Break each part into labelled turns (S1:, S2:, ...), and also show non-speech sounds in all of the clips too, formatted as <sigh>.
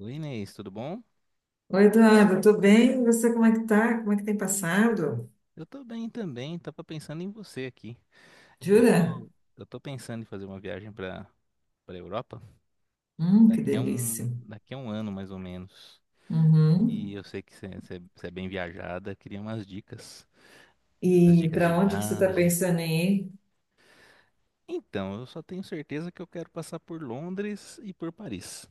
S1: Oi, Inês, tudo bom?
S2: Oi, Eduardo, tô bem? E você como é que tá? Como é que tem passado?
S1: Eu tô bem também, tava pensando em você aqui. Eu
S2: Jura?
S1: tô, eu tô pensando em fazer uma viagem para para Europa
S2: Que
S1: daqui a
S2: delícia.
S1: um, daqui a um ano mais ou menos. E
S2: Uhum.
S1: eu sei que você é bem viajada, queria umas dicas, umas
S2: E
S1: dicas de
S2: para onde que você está
S1: viagem.
S2: pensando em ir?
S1: Então, eu só tenho certeza que eu quero passar por Londres e por Paris.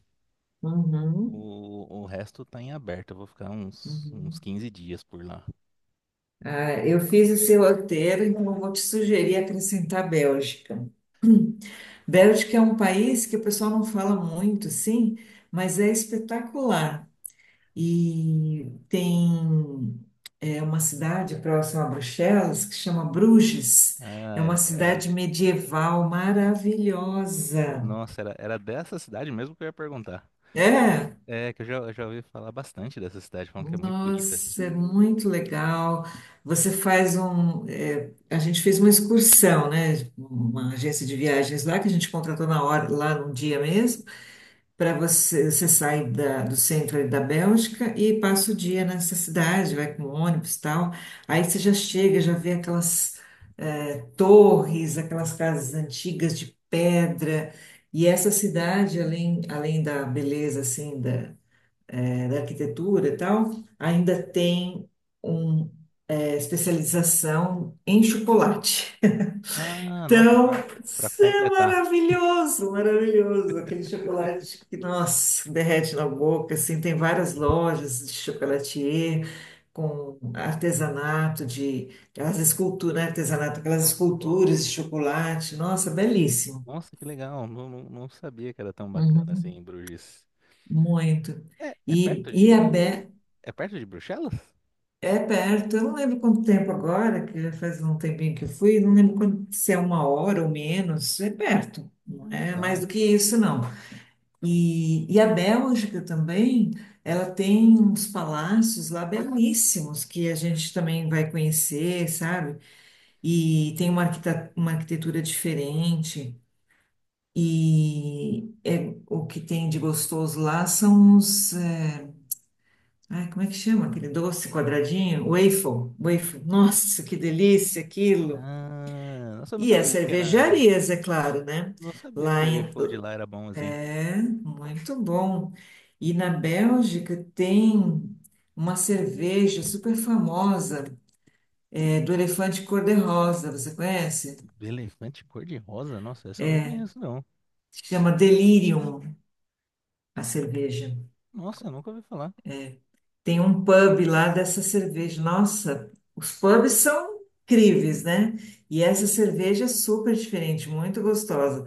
S2: Uhum.
S1: O resto tá em aberto, eu vou ficar uns
S2: Uhum.
S1: 15 dias por lá.
S2: Ah, eu fiz o seu roteiro, então eu vou te sugerir acrescentar Bélgica. Bélgica é um país que o pessoal não fala muito, sim, mas é espetacular. E tem uma cidade próxima a Bruxelas que chama Bruges. É
S1: Ah,
S2: uma
S1: era, era,
S2: cidade medieval maravilhosa.
S1: era dessa cidade mesmo que eu ia perguntar.
S2: É,
S1: É, que eu já ouvi falar bastante dessa cidade, falando que é muito bonita.
S2: nossa, é muito legal. Você faz um. É, A gente fez uma excursão, né? Uma agência de viagens lá que a gente contratou na hora, lá no dia mesmo. Para você, você sai do centro ali da Bélgica e passa o dia nessa cidade, vai com ônibus e tal. Aí você já chega, já vê aquelas torres, aquelas casas antigas de pedra. E essa cidade, além da beleza assim da arquitetura e tal, ainda tem uma especialização em chocolate.
S1: Ah, nossa,
S2: Então,
S1: pra, pra
S2: isso é
S1: completar.
S2: maravilhoso, maravilhoso. Aquele chocolate que, nossa, derrete na boca, assim, tem várias lojas de chocolatier com artesanato de, aquelas esculturas, né, artesanato, aquelas esculturas de chocolate. Nossa, belíssimo.
S1: Nossa, que legal. Não, não sabia que era tão bacana assim
S2: Uhum,
S1: em Bruges.
S2: muito.
S1: É, é
S2: E,
S1: perto
S2: e é,
S1: de.
S2: be-
S1: É perto de Bruxelas?
S2: É perto, eu não lembro quanto tempo agora, que já faz um tempinho que eu fui, não lembro se é uma hora ou menos, é perto.
S1: Ah,
S2: Não é mais
S1: legal.
S2: do que isso, não. E a Bélgica também, ela tem uns palácios lá belíssimos que a gente também vai conhecer, sabe? E tem uma arquitetura diferente. O que tem de gostoso lá são os. Ai, como é que chama aquele doce quadradinho? Waffle. Waffle. Nossa, que delícia aquilo!
S1: Ah, nossa, eu não
S2: E as
S1: sabia que era.
S2: cervejarias, é claro, né?
S1: Não sabia que
S2: Lá
S1: o
S2: em,
S1: Eiffel de lá era bom assim.
S2: É, muito bom. E na Bélgica tem uma cerveja super famosa, do elefante cor-de-rosa, você conhece?
S1: Elefante cor-de-rosa? Nossa, essa eu não conheço, não.
S2: Se chama Delirium, a cerveja.
S1: Nossa, eu nunca ouvi falar.
S2: Tem um pub lá dessa cerveja. Nossa, os pubs são incríveis, né? E essa cerveja é super diferente, muito gostosa.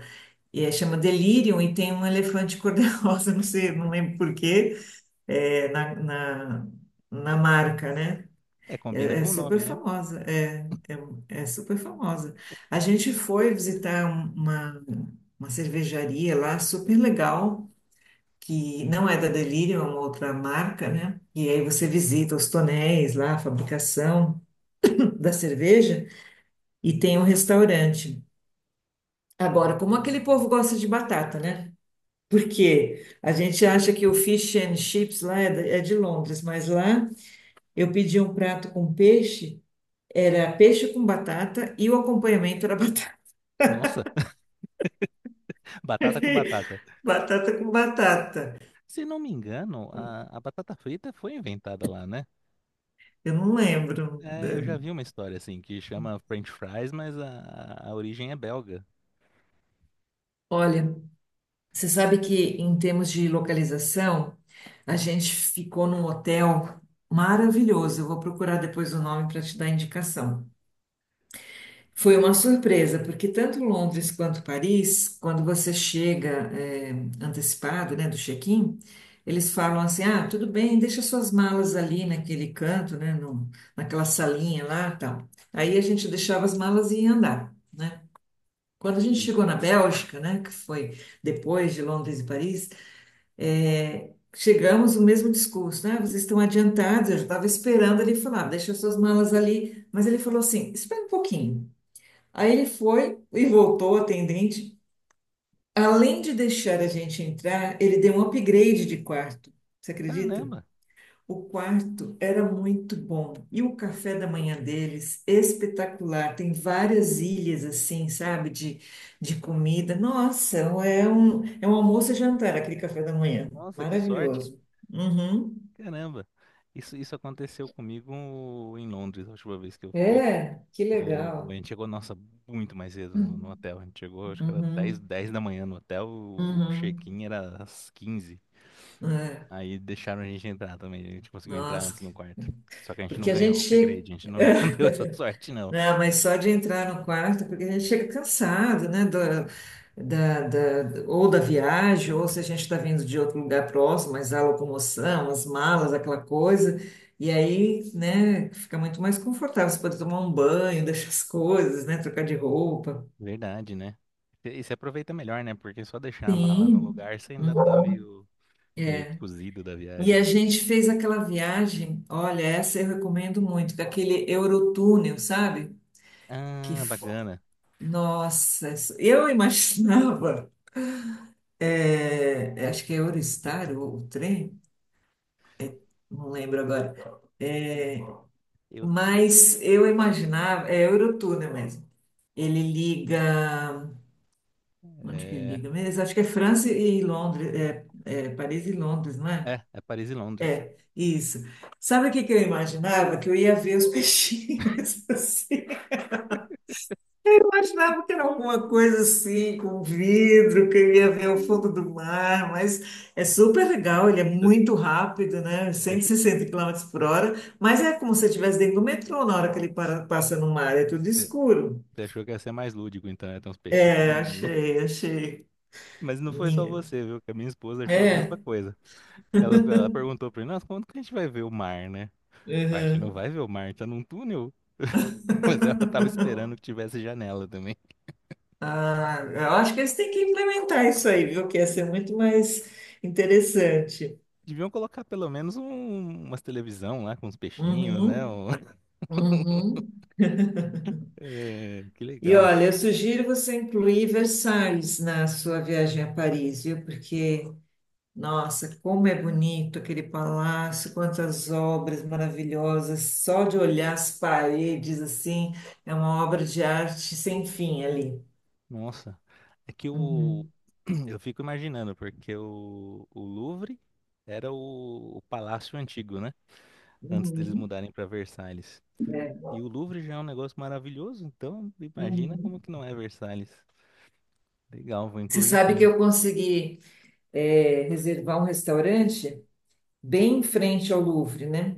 S2: Chama Delirium e tem um elefante cor-de-rosa, <laughs> não sei, não lembro por quê, é, na, na na marca, né?
S1: É, combina
S2: É
S1: com o
S2: super
S1: nome, né?
S2: famosa, é super famosa. A gente foi visitar uma cervejaria lá super legal, que não é da Delirium, é uma outra marca, né? E aí você visita os tonéis lá, a fabricação da cerveja, e tem um restaurante. Agora, como aquele
S1: Hum.
S2: povo gosta de batata, né? Porque a gente acha que o fish and chips lá é de Londres, mas lá eu pedi um prato com peixe. Era peixe com batata e o acompanhamento era batata.
S1: Nossa, <laughs> batata com batata.
S2: <laughs> Batata com batata.
S1: Se não me engano, a batata frita foi inventada lá, né?
S2: Eu não lembro.
S1: É, eu já vi uma história assim que chama French fries, mas a origem é belga.
S2: Olha, você sabe que em termos de localização, a gente ficou num hotel maravilhoso. Eu vou procurar depois o nome para te dar indicação. Foi uma surpresa, porque tanto Londres quanto Paris, quando você chega antecipado, né, do check-in, eles falam assim: ah, tudo bem, deixa suas malas ali naquele canto, né, naquela salinha lá, tal. Aí a gente deixava as malas e ia andar, né? Quando a gente
S1: Sim.
S2: chegou na Bélgica, né, que foi depois de Londres e Paris, chegamos o mesmo discurso, né? "Ah, vocês estão adiantados, eu já estava esperando ele falar, deixa suas malas ali, mas ele falou assim: espera um pouquinho. Aí ele foi e voltou, o atendente. Além de deixar a gente entrar, ele deu um upgrade de quarto. Você acredita?
S1: Caramba!
S2: O quarto era muito bom. E o café da manhã deles, espetacular. Tem várias ilhas assim, sabe, de comida. Nossa, é um almoço e jantar aquele café da manhã.
S1: Nossa, que sorte!
S2: Maravilhoso. Uhum.
S1: Caramba! Isso aconteceu comigo em Londres, a última vez que eu fui.
S2: É, que
S1: A
S2: legal.
S1: gente chegou, nossa, muito mais cedo no
S2: Uhum,
S1: hotel. A gente chegou, acho que era dez
S2: uhum.
S1: dez da manhã no hotel, o
S2: Uhum.
S1: check-in era às 15.
S2: É,
S1: Aí deixaram a gente entrar também, a gente conseguiu entrar
S2: nossa,
S1: antes no quarto. Só que a gente não
S2: porque a
S1: ganhou
S2: gente
S1: o
S2: chega.
S1: upgrade, a gente não, <laughs> não deu essa
S2: <laughs>
S1: sorte, não.
S2: Não, mas só de entrar no quarto, porque a gente chega cansado, né? Ou da viagem, ou se a gente está vindo de outro lugar próximo, mas a locomoção, as malas, aquela coisa. E aí, né, fica muito mais confortável. Você pode tomar um banho, <laughs> deixar as coisas, né? Trocar de roupa.
S1: Verdade, né? E você aproveita melhor, né? Porque só deixar a mala no
S2: Sim.
S1: lugar, você ainda tá
S2: Uhum.
S1: meio, meio
S2: É.
S1: cozido da
S2: E
S1: viagem.
S2: a gente fez aquela viagem, olha, essa eu recomendo muito, daquele Eurotúnel, sabe? Que,
S1: Ah,
S2: f-
S1: bacana.
S2: Nossa, eu imaginava. Acho que é Eurostar ou o trem, não lembro agora. É,
S1: Eu,
S2: mas eu imaginava, é Eurotúnel mesmo. Ele liga, onde que ele
S1: é,
S2: liga mesmo? Acho que é França e Londres, é Paris e Londres, não é?
S1: é Paris e Londres.
S2: Isso. Sabe o que que eu imaginava? Que eu ia ver os peixinhos, <laughs> assim. Eu achava que era alguma
S1: <laughs>
S2: coisa assim, com um vidro, que eu ia ver o
S1: Hum.
S2: fundo do mar, mas é super legal, ele é
S1: Você
S2: muito rápido, né?
S1: você
S2: Cento e
S1: achou
S2: sessenta quilômetros por hora, mas é como se você estivesse dentro do metrô na hora que ele passa no mar, é tudo
S1: você
S2: escuro.
S1: você achou que ia ser mais lúdico, então, ia ter uns
S2: É,
S1: peixinhos.
S2: achei, achei.
S1: <laughs> Mas não foi só
S2: Minha.
S1: você, viu? Que a minha esposa achou a mesma
S2: É.
S1: coisa. Ela perguntou pra mim, nossa, quando que a gente vai ver o mar, né? Mas a gente não
S2: Uhum.
S1: vai ver o mar, tá num túnel. <laughs> Mas ela tava esperando que tivesse janela também.
S2: Ah, eu acho que eles têm que implementar isso aí, viu? Que ia ser muito mais interessante.
S1: Deviam colocar pelo menos umas televisão lá com uns peixinhos, né?
S2: Uhum,
S1: <laughs>
S2: uhum.
S1: É, que
S2: E
S1: legal.
S2: olha, eu sugiro você incluir Versalhes na sua viagem a Paris, viu? Porque, nossa, como é bonito aquele palácio, quantas obras maravilhosas, só de olhar as paredes, assim, é uma obra de arte sem fim ali.
S1: Nossa. É que o...
S2: Uhum,
S1: <clears throat> eu fico imaginando, porque o Louvre era o palácio antigo, né? Antes deles
S2: uhum,
S1: mudarem para Versalhes. E o Louvre já é um negócio maravilhoso, então imagina
S2: uhum.
S1: como que não é Versalhes. Legal, vou
S2: Você
S1: incluir
S2: sabe que
S1: sim.
S2: eu consegui, reservar um restaurante bem em frente ao Louvre, né?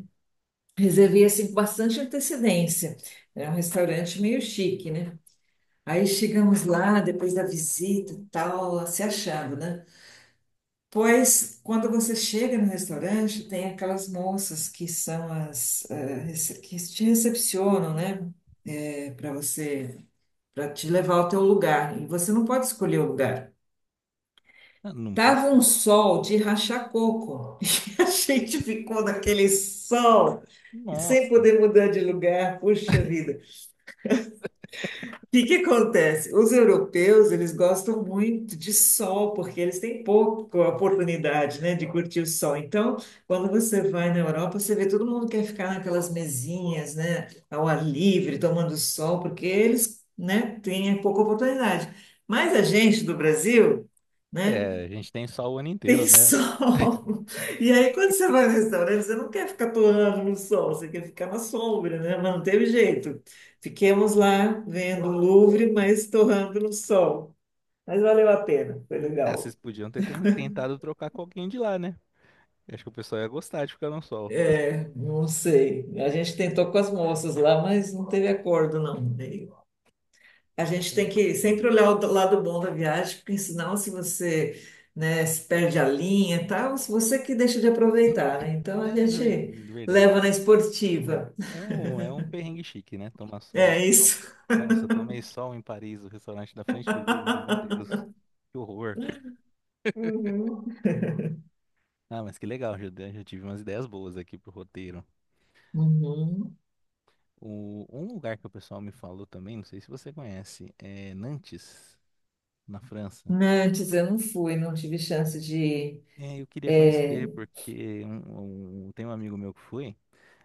S2: Reservei assim com bastante antecedência. É um restaurante meio chique, né? Aí chegamos lá, depois da visita e tal, se achando, né? Pois, quando você chega no restaurante, tem aquelas moças que são as, que te recepcionam, né? Para você, para te levar ao teu lugar. E você não pode escolher o lugar.
S1: Ah, não pode?
S2: Tava um sol de rachar coco. <laughs> E a gente ficou naquele sol, sem
S1: Nossa.
S2: poder mudar de lugar. Puxa vida. O que que acontece? Os europeus, eles gostam muito de sol, porque eles têm pouca oportunidade, né, de curtir o sol. Então, quando você vai na Europa, você vê todo mundo quer ficar naquelas mesinhas, né, ao ar livre, tomando sol, porque eles, né, têm pouca oportunidade. Mas a gente do Brasil, né?
S1: É, a gente tem só o ano inteiro,
S2: Tem
S1: né?
S2: sol.
S1: <laughs>
S2: <laughs> E aí, quando você vai no restaurante, você não quer ficar torrando no sol, você quer ficar na sombra, né? Mas não teve jeito. Fiquemos lá vendo o Louvre, mas torrando no sol. Mas valeu a pena, foi
S1: Ah, vocês
S2: legal.
S1: podiam ter tentado trocar com alguém de lá, né? Eu acho que o pessoal ia gostar de ficar no sol.
S2: É, não sei. A gente tentou com as moças lá, mas não teve acordo, não. E a gente tem que sempre olhar o lado bom da viagem, porque senão, se você, né, se perde a linha e tal, se você que deixa de aproveitar, né? Então,
S1: É
S2: a
S1: ver-
S2: gente
S1: verdade.
S2: leva na esportiva.
S1: É um perrengue chique, né? Tomar sol.
S2: É isso.
S1: Nossa, eu tomei sol em Paris, o restaurante da frente do Louvre. Meu
S2: <laughs>
S1: Deus, que horror.
S2: Uhum.
S1: Ah, mas que legal, já tive umas ideias boas aqui pro roteiro.
S2: Uhum.
S1: O, um lugar que o pessoal me falou também, não sei se você conhece, é Nantes, na França.
S2: Nantes, eu não fui, não tive chance de ir.
S1: É, eu queria
S2: É,
S1: conhecer, porque tem um amigo meu que foi.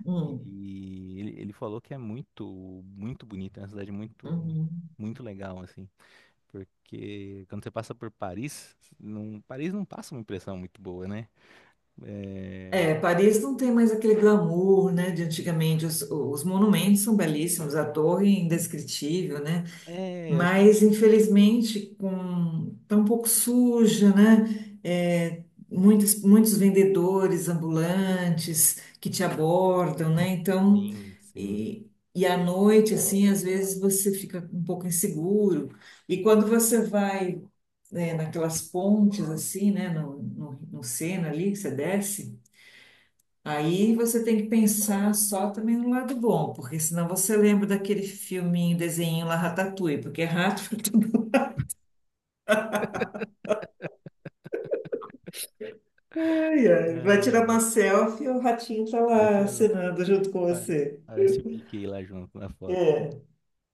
S2: hum,
S1: E ele falou que é muito bonito, é uma cidade muito,
S2: uhum.
S1: muito legal, assim. Porque quando você passa por Paris não passa uma impressão muito boa, né? É,
S2: É, Paris não tem mais aquele glamour, né, de antigamente. Os monumentos são belíssimos, a torre é indescritível, né?
S1: eu acho que é
S2: Mas infelizmente com tá um pouco suja, né? É, muitos, muitos vendedores ambulantes que te abordam, né? Então,
S1: Sim.
S2: e, e à noite, assim, às vezes você fica um pouco inseguro. E quando você vai, né, naquelas pontes, assim, né? No Sena ali, que você desce. Aí você tem que pensar só também no lado bom, porque senão você lembra daquele filminho, desenho lá, Ratatouille, porque é rato. <laughs> Ai, ai. Vai
S1: É,
S2: tirar uma selfie e o ratinho tá lá
S1: parece, a-
S2: acenando junto com
S1: pa-
S2: você.
S1: parece o Mickey lá junto na foto.
S2: É.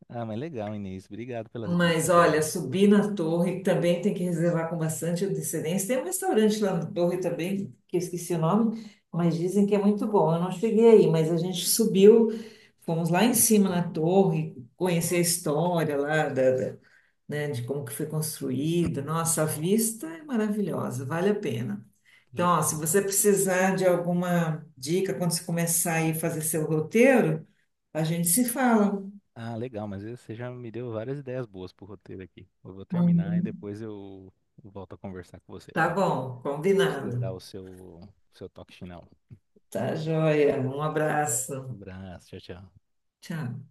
S1: Ah, mas legal, Inês. Obrigado pelas
S2: Mas
S1: dicas
S2: olha,
S1: aí.
S2: subir na torre também tem que reservar com bastante antecedência. Tem um restaurante lá na torre também, que eu esqueci o nome, mas dizem que é muito bom. Eu não cheguei aí, mas a gente subiu, fomos lá em cima na torre, conhecer a história lá da, né, de como que foi construído. Nossa, a vista é maravilhosa, vale a pena. Então, ó, se
S1: Legal.
S2: você precisar de alguma dica quando você começar aí a fazer seu roteiro, a gente se fala.
S1: Ah, legal, mas você já me deu várias ideias boas pro roteiro aqui. Eu vou terminar e
S2: Uhum.
S1: depois eu volto a conversar com você.
S2: Tá
S1: Pra
S2: bom,
S1: Você dá
S2: combinado.
S1: o seu toque final.
S2: Tá joia. Um
S1: Um
S2: abraço.
S1: abraço, tchau, tchau.
S2: Tchau.